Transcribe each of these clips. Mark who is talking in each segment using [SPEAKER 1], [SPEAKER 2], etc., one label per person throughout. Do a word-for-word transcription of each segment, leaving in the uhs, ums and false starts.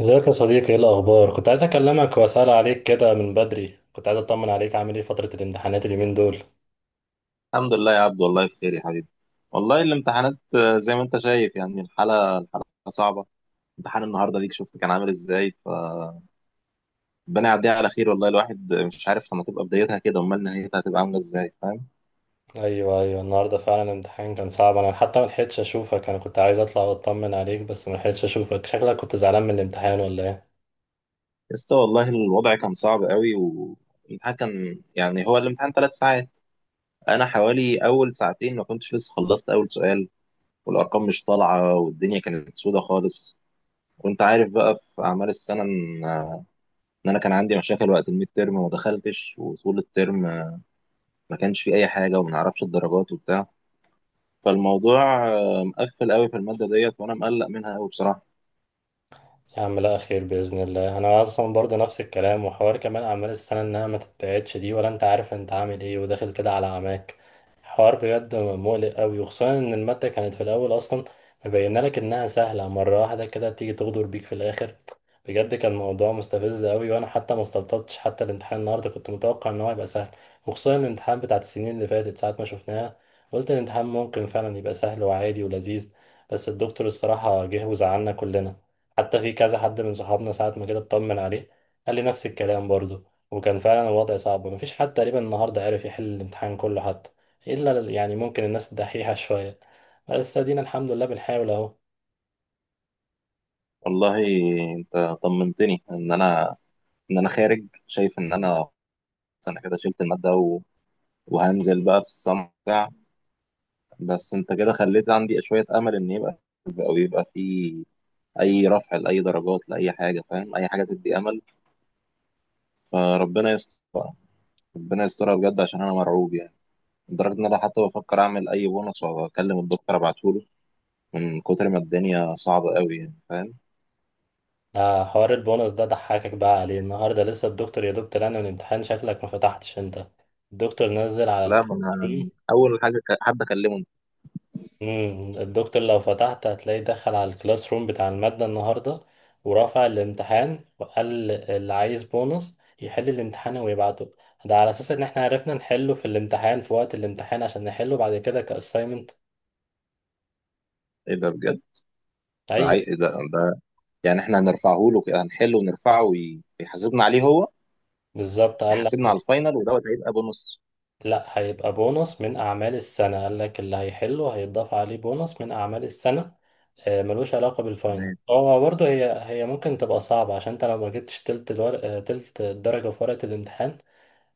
[SPEAKER 1] ازيك يا صديقي؟ ايه الاخبار؟ كنت عايز اكلمك واسال عليك كده من بدري، كنت عايز اطمن عليك. عامل ايه فتره الامتحانات اليومين دول؟
[SPEAKER 2] الحمد لله يا عبد، والله بخير يا حبيبي. والله الامتحانات آه، زي ما انت شايف. يعني الحالة الحالة صعبة. امتحان النهارده ديك شفت كان عامل ازاي؟ فربنا يعديها على خير. والله الواحد مش عارف، لما تبقى بدايتها كده امال نهايتها هتبقى عاملة ازاي، فاهم؟
[SPEAKER 1] ايوه ايوه، النهارده فعلا الامتحان كان صعب. انا حتى ما لحقتش اشوفك، انا كنت عايز اطلع واطمن عليك بس ما لحقتش اشوفك. شكلك كنت زعلان من الامتحان ولا ايه؟
[SPEAKER 2] بس والله الوضع كان صعب قوي، والامتحان كان يعني هو الامتحان ثلاث ساعات. انا حوالي اول ساعتين ما كنتش لسه خلصت اول سؤال، والارقام مش طالعة والدنيا كانت سودة خالص. وانت عارف بقى في اعمال السنة إن ان انا كان عندي مشاكل وقت الميد تيرم وما دخلتش، وطول الترم آه، ما كانش في اي حاجه وما نعرفش الدرجات وبتاع. فالموضوع آه، مقفل قوي في الماده ديت، وانا مقلق منها قوي بصراحه.
[SPEAKER 1] يا عم لا خير بإذن الله. أنا أصلا برضه نفس الكلام، وحوار كمان أعمال السنة إنها ما تتبعتش دي، ولا أنت عارف أنت عامل إيه وداخل كده على عماك. حوار بجد مقلق أوي، وخصوصا إن المادة كانت في الأول أصلا مبينة لك إنها سهلة، مرة واحدة كده تيجي تغدر بيك في الآخر. بجد كان موضوع مستفز أوي، وأنا حتى ما استلطفتش. حتى الامتحان النهاردة كنت متوقع إن هو هيبقى سهل، وخصوصا الامتحان بتاعت السنين اللي فاتت ساعة ما شفناها قلت الامتحان ممكن فعلا يبقى سهل وعادي ولذيذ. بس الدكتور الصراحة جه وزعلنا كلنا. حتى في كذا حد من صحابنا ساعة ما كده اطمن عليه قال لي نفس الكلام برضه، وكان فعلا الوضع صعب. مفيش حد تقريبا النهاردة عرف يحل الامتحان كله، حتى إلا ال- يعني ممكن الناس الدحيحة شوية. بس ادينا الحمد لله بنحاول اهو.
[SPEAKER 2] والله انت طمنتني ان انا ان انا خارج شايف ان انا انا كده شلت الماده و... وهنزل بقى في الصمت بتاع. بس انت كده خليت عندي شويه امل ان يبقى او يبقى في اي رفع لاي درجات لاي حاجه، فاهم؟ اي حاجه تدي امل. فربنا يستر بقى. ربنا يسترها بجد، عشان انا مرعوب يعني. لدرجة إن أنا حتى بفكر أعمل أي بونص وأكلم الدكتور أبعتهوله، من كتر ما الدنيا صعبة أوي يعني، فاهم؟
[SPEAKER 1] آه، حوار البونص ده ضحكك بقى عليه النهاردة. لسه الدكتور، يا دكتور، أنا من الامتحان شكلك ما فتحتش انت. الدكتور نزل على
[SPEAKER 2] لا، ما
[SPEAKER 1] الكلاس.
[SPEAKER 2] أنا أول حاجة ك- حد أكلمه.
[SPEAKER 1] امم الدكتور لو فتحت هتلاقيه دخل على الكلاس روم بتاع المادة النهاردة، ورفع الامتحان وقال اللي عايز بونص يحل الامتحان ويبعته. ده على اساس ان احنا عرفنا نحله في الامتحان في وقت الامتحان، عشان نحله بعد كده كاساينمنت.
[SPEAKER 2] إيه ده بجد؟ ده
[SPEAKER 1] ايوه،
[SPEAKER 2] عي... إيه ده, ده يعني إحنا هنرفعه له كده، هنحله ونرفعه وي- ويحاسبنا عليه هو؟
[SPEAKER 1] بالظبط قال لك.
[SPEAKER 2] يحاسبنا على الفاينل ودوت هيبقى بونص.
[SPEAKER 1] لا، هيبقى بونص من اعمال السنة. قال لك اللي هيحله هيتضاف عليه بونص من اعمال السنة، آه، ملوش علاقة بالفاينل.
[SPEAKER 2] تمام.
[SPEAKER 1] هو برضه هي هي ممكن تبقى صعبة، عشان انت لو ما جبتش تلت الورق، آه، تلت الدرجة في ورقة الامتحان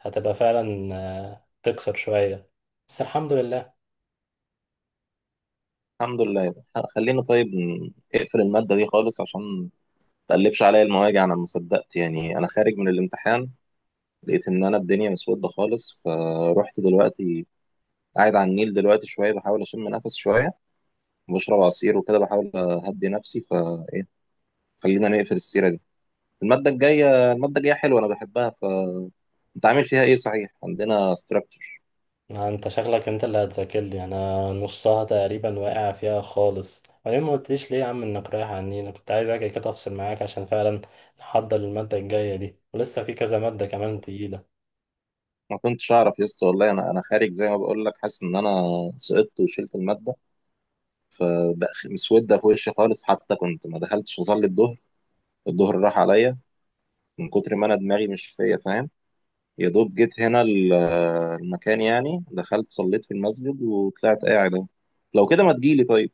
[SPEAKER 1] هتبقى فعلا، آه، تكسر شوية، بس الحمد لله.
[SPEAKER 2] الحمد لله. خ- خلينا طيب ن- اقفل المادة دي خالص، عشان ما تقلبش عليا المواجع. أنا ما صدقت يعني، أنا خارج من الامتحان لقيت إن أنا الدنيا مسودة خالص. فروحت دلوقتي قاعد على النيل دلوقتي شوية، بحاول أشم نفس شوية وبشرب عصير وكده، بحاول أهدي نفسي. فإيه، خلينا نقفل السيرة دي. المادة الجاية، المادة الجاية حلوة أنا بحبها. فأنت عامل فيها إيه صحيح؟ عندنا ستراكشر.
[SPEAKER 1] ما انت شغلك، انت اللي هتذاكر لي انا. نصها تقريبا واقع فيها خالص. وبعدين ما قلتليش ليه يا عم انك رايح عني؟ انا كنت عايز اجي كده افصل معاك، عشان فعلا نحضر المادة الجاية دي ولسه في كذا مادة كمان تقيلة.
[SPEAKER 2] ما كنتش أعرف يا اسطى والله. أنا أنا خارج زي ما بقول لك، حاسس إن أنا سقطت وشلت المادة، فمسودة في وشي خالص. حتى كنت ما دخلتش أصلي الظهر، الظهر راح عليا، من كتر ما أنا دماغي مش فيا، فاهم؟ يا دوب جيت هنا ال- المكان يعني، دخلت صليت في المسجد وطلعت قاعد اهو. لو كده ما تجيلي طيب.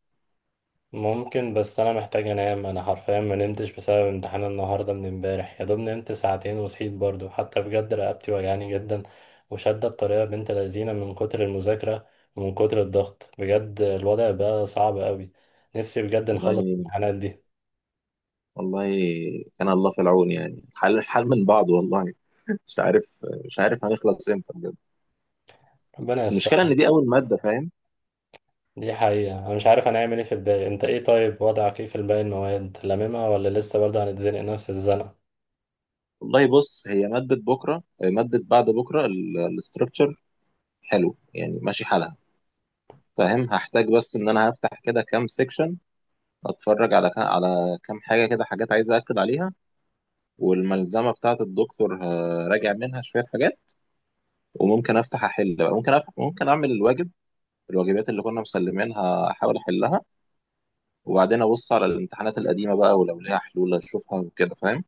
[SPEAKER 1] ممكن بس انا محتاج انام. انا حرفيا ما نمتش بسبب امتحان النهارده من امبارح، يا دوب نمت ساعتين وصحيت برضو. حتى بجد رقبتي وجعاني جدا وشادة بطريقه بنت لذينه من كتر المذاكره، ومن كتر الضغط. بجد الوضع بقى صعب قوي، نفسي بجد نخلص
[SPEAKER 2] والله.
[SPEAKER 1] الامتحانات دي.
[SPEAKER 2] والله، كان الله في العون يعني. الحال الحال من بعض والله. مش عارف، مش عارف هنخلص امتى بجد.
[SPEAKER 1] ربنا
[SPEAKER 2] المشكله
[SPEAKER 1] ييسرها.
[SPEAKER 2] ان دي اول ماده، فاهم؟
[SPEAKER 1] دي حقيقه انا مش عارف انا هعمل ايه في الباقي. انت ايه طيب وضعك ايه في الباقي المواد؟ لاممها ولا لسه برضه هنتزنق نفس الزنقه؟
[SPEAKER 2] والله بص، هي ماده بكره ماده بعد بكره الاستراكشر حلو، يعني ماشي حالها، فاهم. هحتاج بس ان انا هفتح كده كام سيكشن، اتفرج على كام على كام حاجه كده، حاجات عايز اكد عليها. والملزمه بتاعه الدكتور هراجع منها شويه حاجات. وممكن افتح احل بقى، ممكن أفتح ممكن اعمل الواجب، الواجبات اللي كنا مسلمينها احاول احلها. وبعدين ابص على الامتحانات القديمه بقى، ولو ليها حلول اشوفها وكده، فاهم.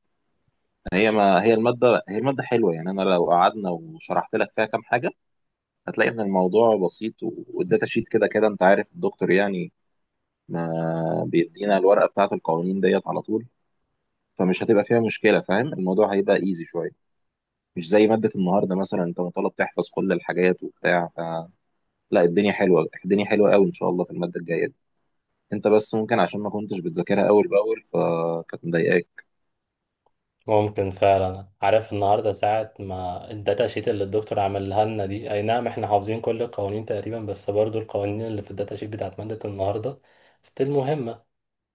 [SPEAKER 2] هي ما هي الماده هي الماده حلوه، يعني انا لو قعدنا وشرحت لك فيها كام حاجه هتلاقي ان الموضوع بسيط. والداتا شيت كده كده انت عارف الدكتور يعني ما بيدينا الورقه بتاعه القوانين ديت على طول. فمش هتبقى فيها مشكله، فاهم. الموضوع هيبقى ايزي شويه، مش زي مادة النهاردة مثلا، انت مطالب تحفظ كل الحاجات وبتاع ف... لا، الدنيا حلوة، الدنيا حلوة قوي ان شاء الله في المادة الجاية دي. انت بس ممكن عشان ما كنتش بتذاكرها اول باول، فكانت مضايقاك.
[SPEAKER 1] ممكن فعلا. عارف النهارده ساعة ما الداتا شيت اللي الدكتور عملها لنا دي، اي نعم احنا حافظين كل القوانين تقريبا، بس برضو القوانين اللي في الداتا شيت بتاعت مادة النهارده ستيل مهمة.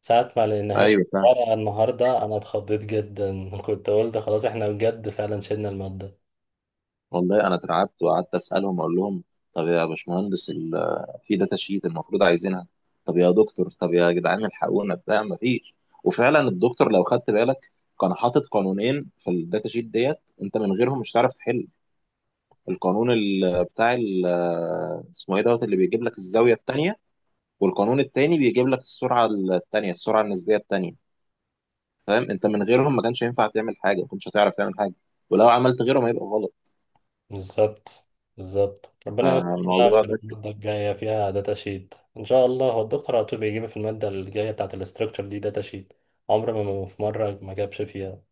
[SPEAKER 1] ساعة ما لقيناهاش في
[SPEAKER 2] ايوه فعلا.
[SPEAKER 1] الورقة النهارده انا اتخضيت جدا كنت قلت خلاص احنا بجد فعلا شلنا المادة.
[SPEAKER 2] والله انا اترعبت، وقعدت اسالهم اقول لهم: طب يا باشمهندس، ال- في داتا شيت المفروض عايزينها. طب يا دكتور، طب يا جدعان الحقونا بتاع ما فيش. وفعلا الدكتور لو خدت بالك كان حاطط قانونين في الداتا شيت ديت، انت من غيرهم مش هتعرف تحل. القانون ال- بتاع ال- اسمه ايه دوت اللي بيجيب لك الزاويه الثانيه، والقانون الثاني بيجيب لك السرعه الثانيه، السرعه النسبيه الثانيه. فاهم انت من غيرهم ما كانش ينفع تعمل حاجه، ما كنتش هتعرف تعمل حاجه. ولو عملت غيره ما يبقى غلط.
[SPEAKER 1] بالظبط. بالظبط، ربنا يستر بقى.
[SPEAKER 2] الموضوع
[SPEAKER 1] وتبقى
[SPEAKER 2] ده.
[SPEAKER 1] المادة الجاية فيها داتا شيت ان شاء الله. هو الدكتور على طول بيجيب في المادة الجاية بتاعت الاستراكشر دي داتا شيت، عمر ما ما- في مرة ما جابش فيها.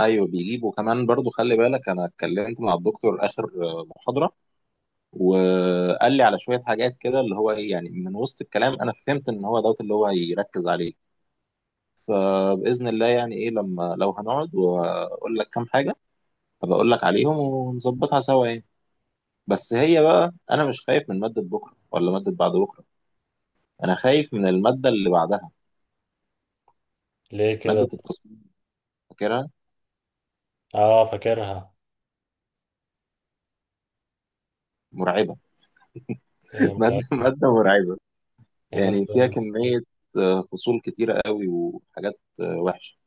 [SPEAKER 2] ايوه، بيجيب. وكمان برضو خلي بالك انا اتكلمت مع الدكتور اخر محاضره، وقال لي على شويه حاجات كده، اللي هو ايه يعني من وسط الكلام انا فهمت ان هو دوت اللي هو هيركز عليه. فباذن الله، يعني ايه لما لو هنقعد واقول لك كام حاجه، هبقول لك عليهم ونظبطها سوا يعني. بس هي بقى، انا مش خايف من ماده بكره ولا ماده بعد بكره، انا خايف من الماده اللي بعدها،
[SPEAKER 1] ليه
[SPEAKER 2] ماده
[SPEAKER 1] كده؟
[SPEAKER 2] التصميم. فاكرها؟
[SPEAKER 1] اه فاكرها.
[SPEAKER 2] مرعبه.
[SPEAKER 1] هي
[SPEAKER 2] ماده
[SPEAKER 1] مغيرة
[SPEAKER 2] ماده مرعبه،
[SPEAKER 1] كمان
[SPEAKER 2] يعني فيها
[SPEAKER 1] رهيبة.
[SPEAKER 2] كميه آه، فصول كتيره قوي، وحاجات آه، وحشه.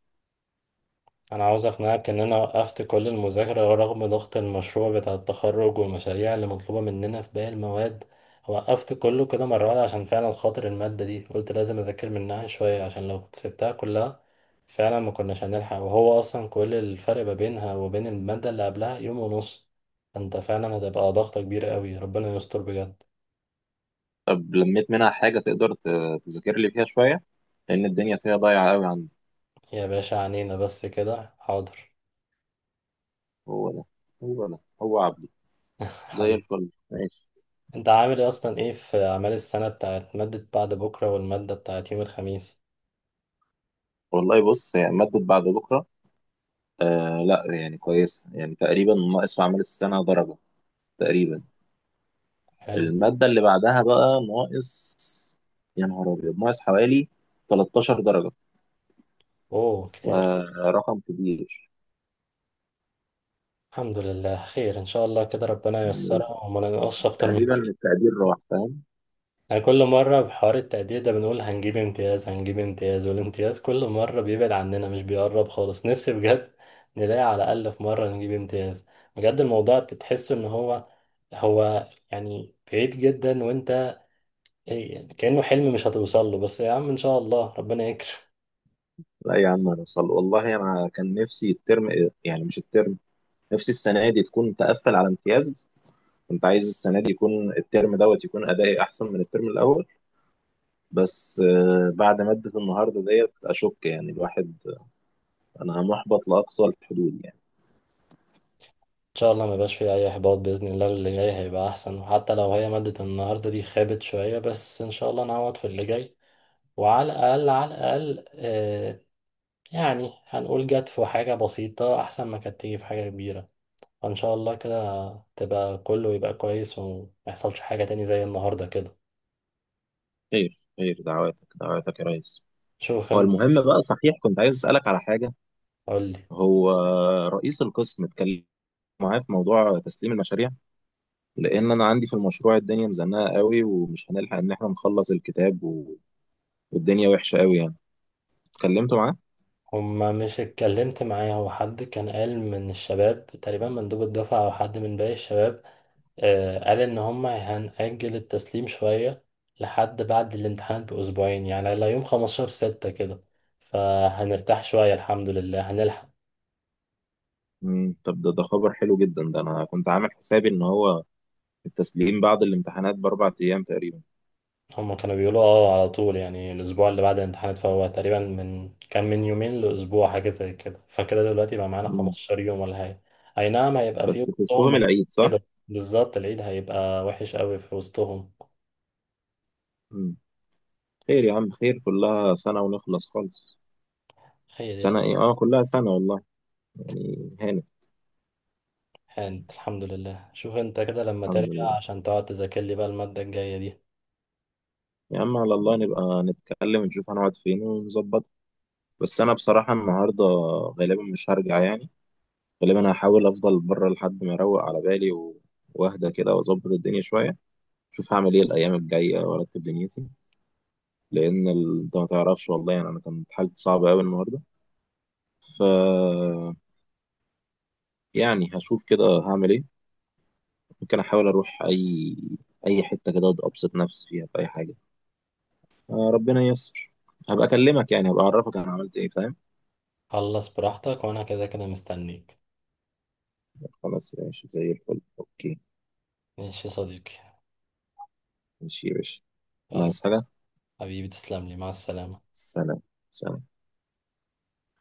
[SPEAKER 1] انا عاوز اقنعك ان انا وقفت كل المذاكرة رغم ضغط المشروع بتاع التخرج والمشاريع اللي مطلوبة مننا في باقي المواد. وقفت كله كده مرة واحدة عشان فعلا خاطر المادة دي، قلت لازم اذاكر منها شوية، عشان لو كنت سبتها كلها فعلا ما كناش هنلحق. وهو اصلا كل الفرق ما بينها وبين المادة اللي قبلها يوم ونص، انت فعلا هتبقى ضغطة كبيرة قوي. ربنا يستر بجد.
[SPEAKER 2] طب لميت منها حاجه؟ تقدر ت- تذاكر لي فيها شويه؟ لان الدنيا فيها ضايعه قوي عندي.
[SPEAKER 1] يا باشا عنينا، بس كده حاضر.
[SPEAKER 2] هو ده، هو ده هو عبده. زي
[SPEAKER 1] حبيبي.
[SPEAKER 2] الفل ماشي.
[SPEAKER 1] انت عامل ايه اصلا ايه في اعمال السنه بتاعت ماده بعد بكره والماده بتاعت يوم الخميس؟
[SPEAKER 2] والله بص، هي ماده بعد بكره آه لا يعني كويسه، يعني تقريبا ناقص في اعمال السنه درجه تقريبا.
[SPEAKER 1] حلو.
[SPEAKER 2] المادة اللي بعدها بقى ناقص، يا نهار أبيض، ناقص حوالي 13 درجة،
[SPEAKER 1] اوه، كتير أوي.
[SPEAKER 2] فرقم كبير.
[SPEAKER 1] الحمد لله خير ان شاء الله كده، ربنا ييسرها وما ننقصش اكتر من
[SPEAKER 2] تقريبا
[SPEAKER 1] كده.
[SPEAKER 2] التقدير راح، فاهم.
[SPEAKER 1] يعني كل مره بحوار التقدير ده بنقول هنجيب امتياز، هنجيب امتياز، والامتياز كل مره بيبعد عننا مش بيقرب خالص. نفسي بجد نلاقي على الاقل في مره نجيب امتياز. بجد الموضوع بتحس ان هو، هو يعني بعيد جدا، وانت إيه، كأنه حلم مش هتوصل له. بس يا عم ان شاء الله ربنا يكرم.
[SPEAKER 2] لا يا عم، هنوصل والله. أنا كان نفسي الترم، يعني مش الترم، نفسي السنة دي تكون تقفل على امتياز. كنت عايز السنة دي يكون الترم دوت يكون أدائي أحسن من الترم الأول. بس آه، بعد مادة النهاردة ديت أشك، يعني الواحد أنا محبط لأقصى الحدود يعني.
[SPEAKER 1] ان شاء الله ما يبقاش فيه اي احباط باذن الله، اللي جاي هيبقى احسن. وحتى لو هي مادة النهارده دي خابت شوية، بس ان شاء الله نعوض في اللي جاي. وعلى الاقل، على الاقل آه يعني هنقول جت في حاجة بسيطة احسن ما كانت تيجي في حاجة كبيرة. فان شاء الله كده تبقى كله يبقى كويس، وما يحصلش حاجة تاني زي النهارده كده.
[SPEAKER 2] خير خير، دعواتك دعواتك يا ريس.
[SPEAKER 1] شوف
[SPEAKER 2] هو
[SPEAKER 1] انت.
[SPEAKER 2] المهم بقى صحيح، كنت عايز أسألك على حاجة.
[SPEAKER 1] قولي.
[SPEAKER 2] هو رئيس القسم اتكلم معاه في موضوع تسليم المشاريع؟ لأن أنا عندي في المشروع الدنيا مزنقة قوي، ومش هنلحق إن إحنا نخلص الكتاب و... والدنيا وحشة قوي يعني. اتكلمت معاه؟
[SPEAKER 1] هما مش اتكلمت معايا، هو حد كان قال من الشباب تقريبا مندوب الدفعة او حد من باقي الشباب، آه، قال ان هم هنأجل التسليم شوية لحد بعد الامتحان بأسبوعين، يعني على يوم 15 ستة كده، فهنرتاح شوية الحمد لله هنلحق.
[SPEAKER 2] مم. طب ده ده خبر حلو جدا ده. أنا كنت عامل حسابي إن هو التسليم بعد الامتحانات بأربع أيام تقريبا.
[SPEAKER 1] هم كانوا بيقولوا اه على طول يعني الأسبوع اللي بعد الامتحانات، فهو تقريبا من كان من يومين لأسبوع حاجة زي كده، فكده دلوقتي بقى معانا
[SPEAKER 2] مم.
[SPEAKER 1] خمستاشر يوم ولا حاجة. أي نعم، هيبقى في
[SPEAKER 2] بس في
[SPEAKER 1] وسطهم
[SPEAKER 2] وسطهم
[SPEAKER 1] عيد.
[SPEAKER 2] العيد صح؟
[SPEAKER 1] كده بالظبط، العيد هيبقى وحش قوي في وسطهم.
[SPEAKER 2] مم. خير يا عم، خير، كلها سنة ونخلص خالص.
[SPEAKER 1] خير يا،
[SPEAKER 2] سنة إيه؟ آه كلها سنة والله. يعني هانت.
[SPEAKER 1] سبحان الحمد لله. شوف انت كده لما
[SPEAKER 2] الحمد
[SPEAKER 1] ترجع
[SPEAKER 2] لله.
[SPEAKER 1] عشان تقعد تذاكر لي بقى المادة الجاية دي.
[SPEAKER 2] يا عم على الله نبقى نتكلم ونشوف هنقعد فين ونظبط. بس انا بصراحة النهاردة غالبا مش هرجع يعني. غالبا هحاول افضل بره لحد ما اروق على بالي، و- واهدى كده واظبط الدنيا شوية. شوف هعمل ايه الايام الجاية وارتب دنيتي. لان ال- انت ما تعرفش والله، يعني انا كانت حالتي صعبة قوي النهاردة. ف يعني هشوف كده هعمل ايه. ممكن احاول اروح اي اي حتة كده ابسط نفسي فيها باي حاجة. آه، ربنا ييسر. هبقى اكلمك يعني، هبقى اعرفك انا عملت ايه، فاهم.
[SPEAKER 1] خلص براحتك، وانا كده كده مستنيك.
[SPEAKER 2] خلاص ماشي زي الفل، اوكي.
[SPEAKER 1] ماشي يا صديقي.
[SPEAKER 2] ماشي يا باشا.
[SPEAKER 1] يلا.
[SPEAKER 2] ناقص حاجة.
[SPEAKER 1] حبيبي تسلم لي، مع السلامة.
[SPEAKER 2] سلام. سلام.